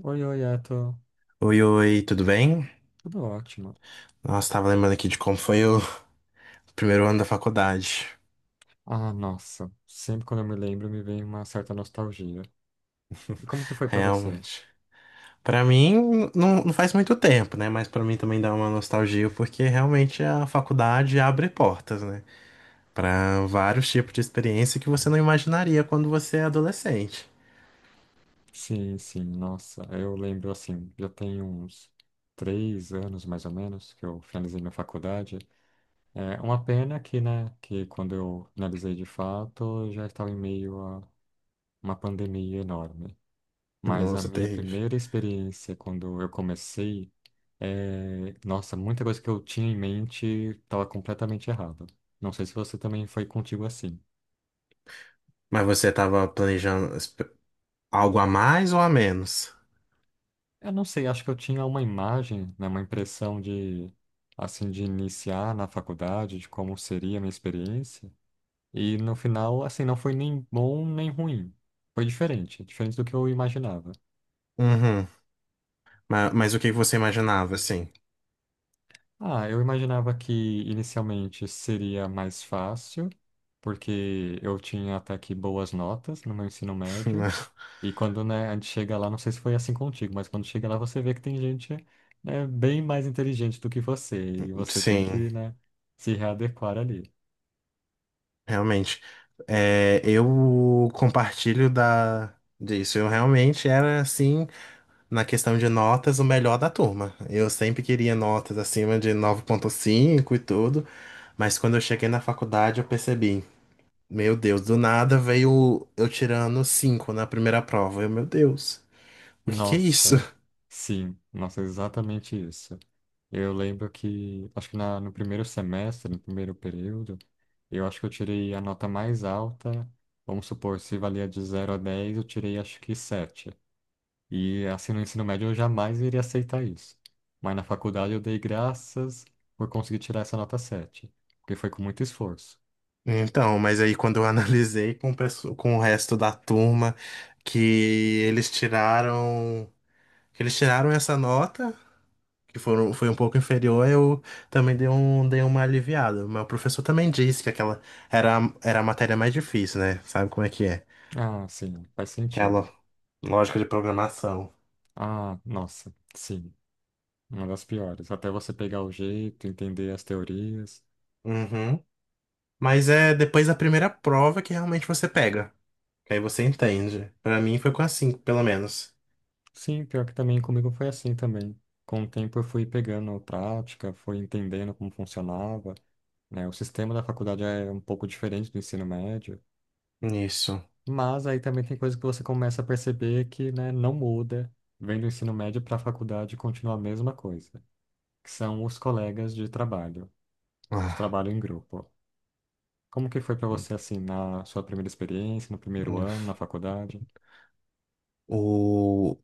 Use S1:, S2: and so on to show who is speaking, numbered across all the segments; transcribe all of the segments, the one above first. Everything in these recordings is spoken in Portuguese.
S1: Oi, oi,
S2: Oi, oi, tudo bem?
S1: tudo ótimo.
S2: Nossa, tava lembrando aqui de como foi o primeiro ano da faculdade.
S1: Ah, nossa, sempre quando eu me lembro me vem uma certa nostalgia. E como que foi pra você?
S2: Realmente. Pra mim, não faz muito tempo, né? Mas pra mim também dá uma nostalgia, porque realmente a faculdade abre portas, né? Pra vários tipos de experiência que você não imaginaria quando você é adolescente.
S1: Sim, sim, nossa, eu lembro assim, já tem uns 3 anos mais ou menos que eu finalizei minha faculdade. É uma pena que, né, que quando eu finalizei de fato, eu já estava em meio a uma pandemia enorme. Mas a
S2: Nossa,
S1: minha
S2: terrível.
S1: primeira experiência quando eu comecei. É, nossa, muita coisa que eu tinha em mente estava completamente errada. Não sei se você também foi contigo assim.
S2: Mas você tava planejando algo a mais ou a menos?
S1: Eu não sei, acho que eu tinha uma imagem, né, uma impressão de, assim, de iniciar na faculdade, de como seria a minha experiência. E no final, assim, não foi nem bom nem ruim. Foi diferente, diferente do que eu imaginava.
S2: Uhum. Mas, o que que você imaginava, assim?
S1: Ah, eu imaginava que inicialmente seria mais fácil, porque eu tinha até aqui boas notas no meu ensino médio. E quando, né, a gente chega lá, não sei se foi assim contigo, mas quando chega lá você vê que tem gente, né, bem mais inteligente do que você. E você tem
S2: Sim.
S1: que, né, se readequar ali.
S2: Realmente. É, eu compartilho disso. Eu realmente era, assim, na questão de notas, o melhor da turma. Eu sempre queria notas acima de 9,5 e tudo. Mas quando eu cheguei na faculdade, eu percebi, meu Deus, do nada veio eu tirando 5 na primeira prova. Meu Deus, o que que é isso?
S1: Nossa, sim, nossa, exatamente isso. Eu lembro que, acho que no primeiro semestre, no primeiro período, eu acho que eu tirei a nota mais alta. Vamos supor, se valia de 0 a 10 eu tirei acho que sete. E assim no ensino médio eu jamais iria aceitar isso. Mas na faculdade eu dei graças por conseguir tirar essa nota sete, porque foi com muito esforço.
S2: Então, mas aí quando eu analisei com o resto da turma, que eles tiraram, que eles tiraram essa nota, foi um pouco inferior, eu também dei uma aliviada. Mas o professor também disse que aquela era a matéria mais difícil, né? Sabe como é que é?
S1: Ah, sim, faz sentido.
S2: Aquela lógica de programação.
S1: Ah, nossa, sim, uma das piores. Até você pegar o jeito, entender as teorias.
S2: Uhum. Mas é depois da primeira prova que realmente você pega. Que aí você entende. Pra mim foi com a cinco pelo menos.
S1: Sim, pior que também comigo foi assim também. Com o tempo eu fui pegando prática, fui entendendo como funcionava, né? O sistema da faculdade é um pouco diferente do ensino médio.
S2: Isso.
S1: Mas aí também tem coisa que você começa a perceber que, né, não muda, vem do ensino médio para a faculdade e continua a mesma coisa, que são os colegas de trabalho, os
S2: Ah,
S1: trabalho em grupo. Como que foi para
S2: hum,
S1: você assim na sua primeira experiência, no primeiro
S2: hum.
S1: ano, na faculdade?
S2: o...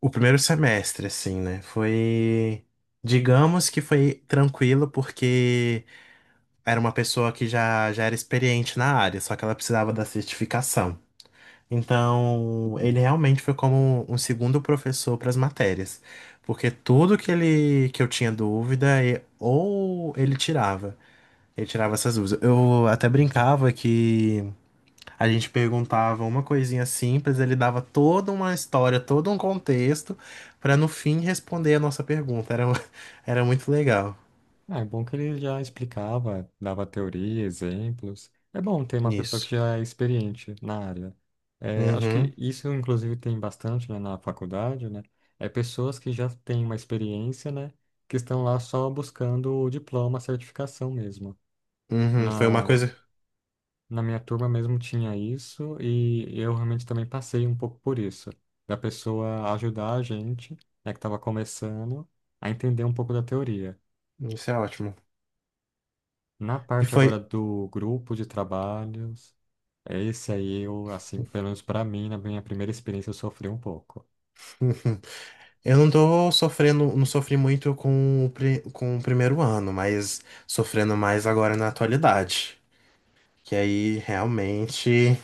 S2: O primeiro semestre, assim, né? Foi. Digamos que foi tranquilo, porque era uma pessoa que já era experiente na área, só que ela precisava da certificação. Então, ele realmente foi como um segundo professor para as matérias, porque tudo que eu tinha dúvida, ou ele tirava. Ele tirava essas dúvidas. Eu até brincava que a gente perguntava uma coisinha simples, ele dava toda uma história, todo um contexto, para no fim responder a nossa pergunta. Era, era muito legal
S1: Ah, é bom que ele já explicava, dava teoria, exemplos. É bom ter uma pessoa que
S2: isso.
S1: já é experiente na área. É, acho que
S2: Uhum,
S1: isso, inclusive, tem bastante, né, na faculdade, né? É pessoas que já têm uma experiência, né? Que estão lá só buscando o diploma, a certificação mesmo.
S2: uhum. Foi uma
S1: Na,
S2: coisa.
S1: na minha turma mesmo tinha isso e eu realmente também passei um pouco por isso. Da pessoa ajudar a gente, né, que estava começando, a entender um pouco da teoria.
S2: Isso é ótimo.
S1: Na
S2: E
S1: parte
S2: foi.
S1: agora do grupo de trabalhos, esse aí eu, assim, pelo menos para mim, na minha primeira experiência, eu sofri um pouco.
S2: Uhum. Eu não tô sofrendo, não sofri muito com o primeiro ano, mas sofrendo mais agora na atualidade. Que aí realmente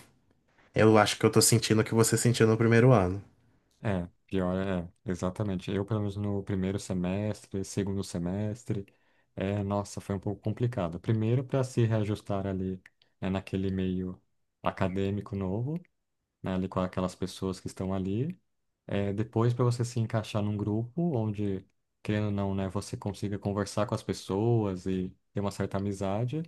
S2: eu acho que eu tô sentindo o que você sentiu no primeiro ano.
S1: É, pior é, exatamente. Eu, pelo menos no primeiro semestre, segundo semestre, é, nossa, foi um pouco complicado. Primeiro, para se reajustar ali, né, naquele meio acadêmico novo, né, ali com aquelas pessoas que estão ali. É, depois, para você se encaixar num grupo onde, querendo ou não, né, você consiga conversar com as pessoas e ter uma certa amizade.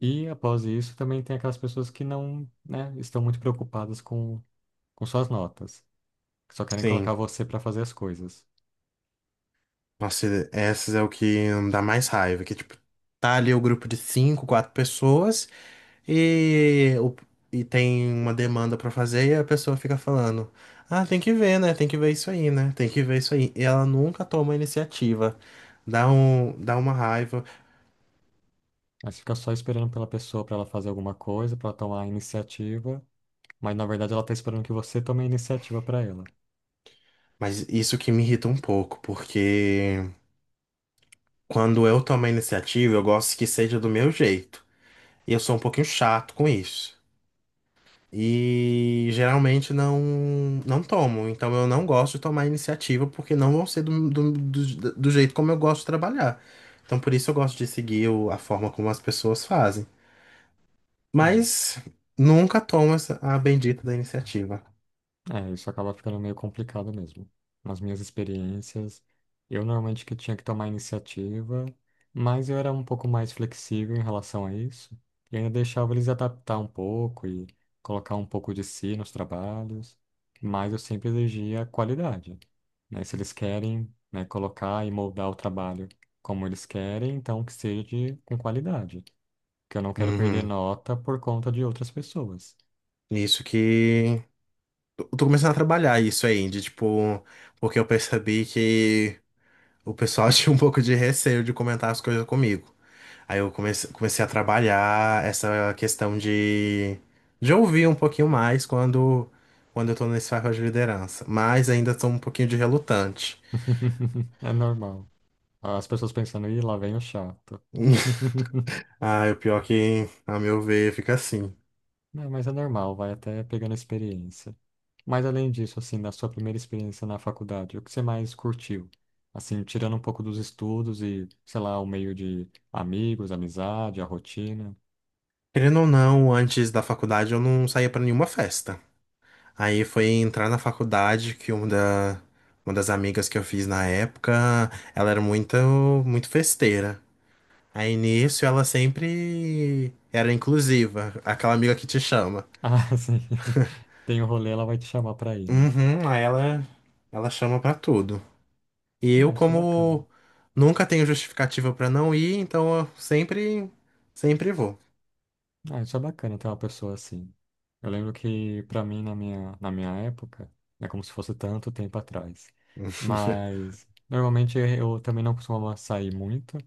S1: E após isso, também tem aquelas pessoas que não, né, estão muito preocupadas com suas notas, que só querem colocar
S2: Sim.
S1: você para fazer as coisas.
S2: Nossa, essas é o que dá mais raiva, que tipo, tá ali o grupo de cinco, quatro pessoas e, o- e tem uma demanda pra fazer e a pessoa fica falando, ah, tem que ver, né? Tem que ver isso aí, né? Tem que ver isso aí. E ela nunca toma iniciativa. Dá uma raiva,
S1: Mas fica só esperando pela pessoa para ela fazer alguma coisa, para tomar a iniciativa, mas na verdade ela está esperando que você tome a iniciativa para ela.
S2: mas isso que me irrita um pouco, porque quando eu tomo a iniciativa, eu gosto que seja do meu jeito. E eu sou um pouquinho chato com isso. E geralmente não tomo. Então eu não gosto de tomar iniciativa porque não vão ser do jeito como eu gosto de trabalhar. Então por isso eu gosto de seguir a forma como as pessoas fazem. Mas nunca tomo a bendita da iniciativa.
S1: É, isso acaba ficando meio complicado mesmo. Nas minhas experiências, eu normalmente que tinha que tomar iniciativa, mas eu era um pouco mais flexível em relação a isso, e ainda deixava eles adaptar um pouco e colocar um pouco de si nos trabalhos, mas eu sempre exigia qualidade, né? Se eles querem, né, colocar e moldar o trabalho como eles querem, então que seja com qualidade, que eu não quero perder
S2: Uhum.
S1: nota por conta de outras pessoas.
S2: Isso que. Eu tô começando a trabalhar isso aí, de tipo. Porque eu percebi que o pessoal tinha um pouco de receio de comentar as coisas comigo. Aí eu comecei a trabalhar essa questão de ouvir um pouquinho mais quando eu tô nesse papel de liderança. Mas ainda tô um pouquinho de relutante.
S1: É normal. As pessoas pensando, ih, lá vem o chato.
S2: Ah, o pior é que, a meu ver, fica assim.
S1: Não, mas é normal, vai até pegando experiência. Mas além disso, assim, da sua primeira experiência na faculdade, o que você mais curtiu? Assim, tirando um pouco dos estudos e, sei lá, o meio de amigos, amizade, a rotina.
S2: Querendo ou não, antes da faculdade eu não saía pra nenhuma festa. Aí foi entrar na faculdade que uma das amigas que eu fiz na época, ela era muito, muito festeira. Aí nisso ela sempre era inclusiva, aquela amiga que te chama.
S1: Ah, sim. Tem o rolê, ela vai te chamar pra ir, né?
S2: Uhum, aí ela chama pra tudo. E eu,
S1: Ah, isso é bacana.
S2: como nunca tenho justificativa pra não ir, então eu sempre, sempre vou.
S1: Ah, isso é bacana ter uma pessoa assim. Eu lembro que, pra mim, na na minha época, é como se fosse tanto tempo atrás. Mas, normalmente, eu também não costumava sair muito.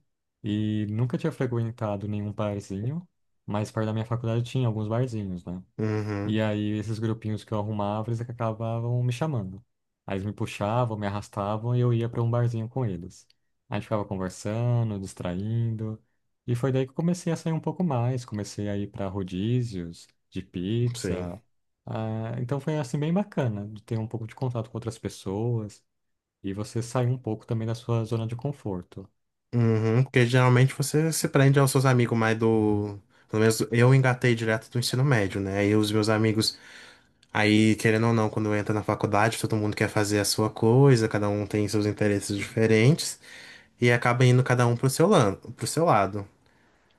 S1: E nunca tinha frequentado nenhum barzinho. Mas perto da minha faculdade tinha alguns barzinhos, né?
S2: Uhum,
S1: E aí, esses grupinhos que eu arrumava, eles acabavam me chamando. Aí eles me puxavam, me arrastavam e eu ia para um barzinho com eles. A gente ficava conversando, distraindo. E foi daí que eu comecei a sair um pouco mais. Comecei a ir para rodízios de
S2: sim.
S1: pizza. Ah, então foi assim bem bacana de ter um pouco de contato com outras pessoas e você sair um pouco também da sua zona de conforto.
S2: Uhum, porque geralmente você se prende aos seus amigos mais do. Pelo menos eu engatei direto do ensino médio, né? Aí os meus amigos. Aí, querendo ou não, quando entra na faculdade, todo mundo quer fazer a sua coisa, cada um tem seus interesses diferentes, e acaba indo cada um pro seu lado.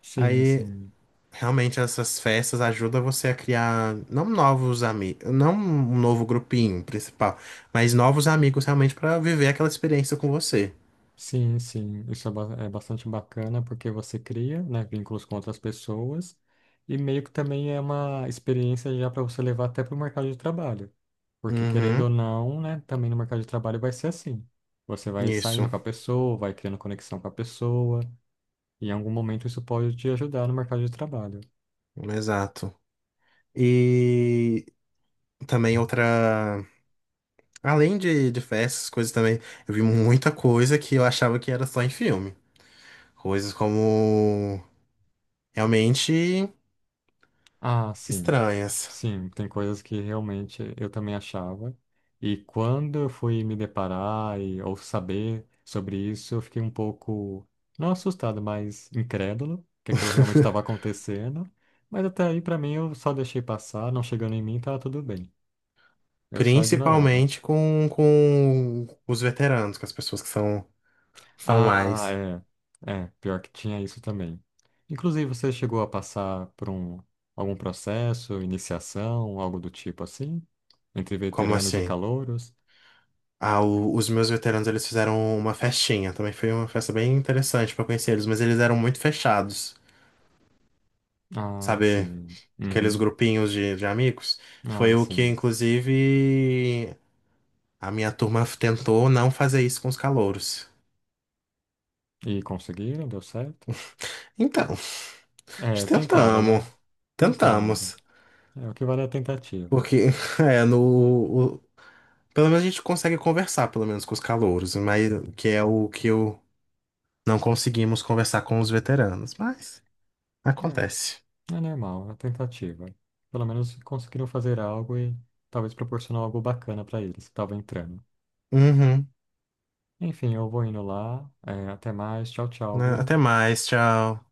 S1: Sim,
S2: Aí
S1: sim.
S2: realmente essas festas ajudam você a criar não novos amigos, não um novo grupinho principal, mas novos amigos realmente para viver aquela experiência com você.
S1: Sim, sim, isso é, é bastante bacana porque você cria, né, vínculos com outras pessoas e meio que também é uma experiência já para você levar até para o mercado de trabalho, porque querendo ou
S2: Uhum,
S1: não, né, também no mercado de trabalho vai ser assim. Você vai saindo
S2: isso,
S1: com a pessoa, vai criando conexão com a pessoa e em algum momento isso pode te ajudar no mercado de trabalho.
S2: exato. E também outra, além de festas, coisas também, eu vi muita coisa que eu achava que era só em filme. Coisas como realmente
S1: Ah, sim.
S2: estranhas,
S1: Sim, tem coisas que realmente eu também achava. E quando eu fui me deparar e, ou saber sobre isso, eu fiquei um pouco, não assustado, mas incrédulo que aquilo realmente estava acontecendo. Mas até aí, para mim, eu só deixei passar, não chegando em mim, estava tudo bem. Eu só ignorava.
S2: principalmente com os veteranos, com as pessoas que são
S1: Ah,
S2: mais.
S1: é. É, pior que tinha isso também. Inclusive, você chegou a passar por algum processo, iniciação, algo do tipo assim? Entre
S2: Como
S1: veteranos e
S2: assim?
S1: calouros?
S2: Ah, os meus veteranos eles fizeram uma festinha. Também foi uma festa bem interessante pra conhecer eles, mas eles eram muito fechados,
S1: Ah,
S2: sabe?
S1: sim.
S2: Aqueles
S1: Uhum.
S2: grupinhos de amigos.
S1: Ah,
S2: Foi o que,
S1: sim.
S2: inclusive, a minha turma tentou não fazer isso com os calouros.
S1: E conseguiram? Deu certo?
S2: Então,
S1: É, tentaram,
S2: tentamos,
S1: né? Tentaram.
S2: tentamos.
S1: É, o que vale é a tentativa.
S2: Porque, é, no. o- pelo menos a gente consegue conversar, pelo menos, com os calouros, mas que é o que eu não conseguimos conversar com os veteranos. Mas acontece.
S1: É, é normal, é a tentativa. Pelo menos conseguiram fazer algo e talvez proporcionar algo bacana pra eles que estavam entrando.
S2: Uhum.
S1: Enfim, eu vou indo lá. É, até mais. Tchau, tchau,
S2: Né?
S1: viu?
S2: Até mais, tchau.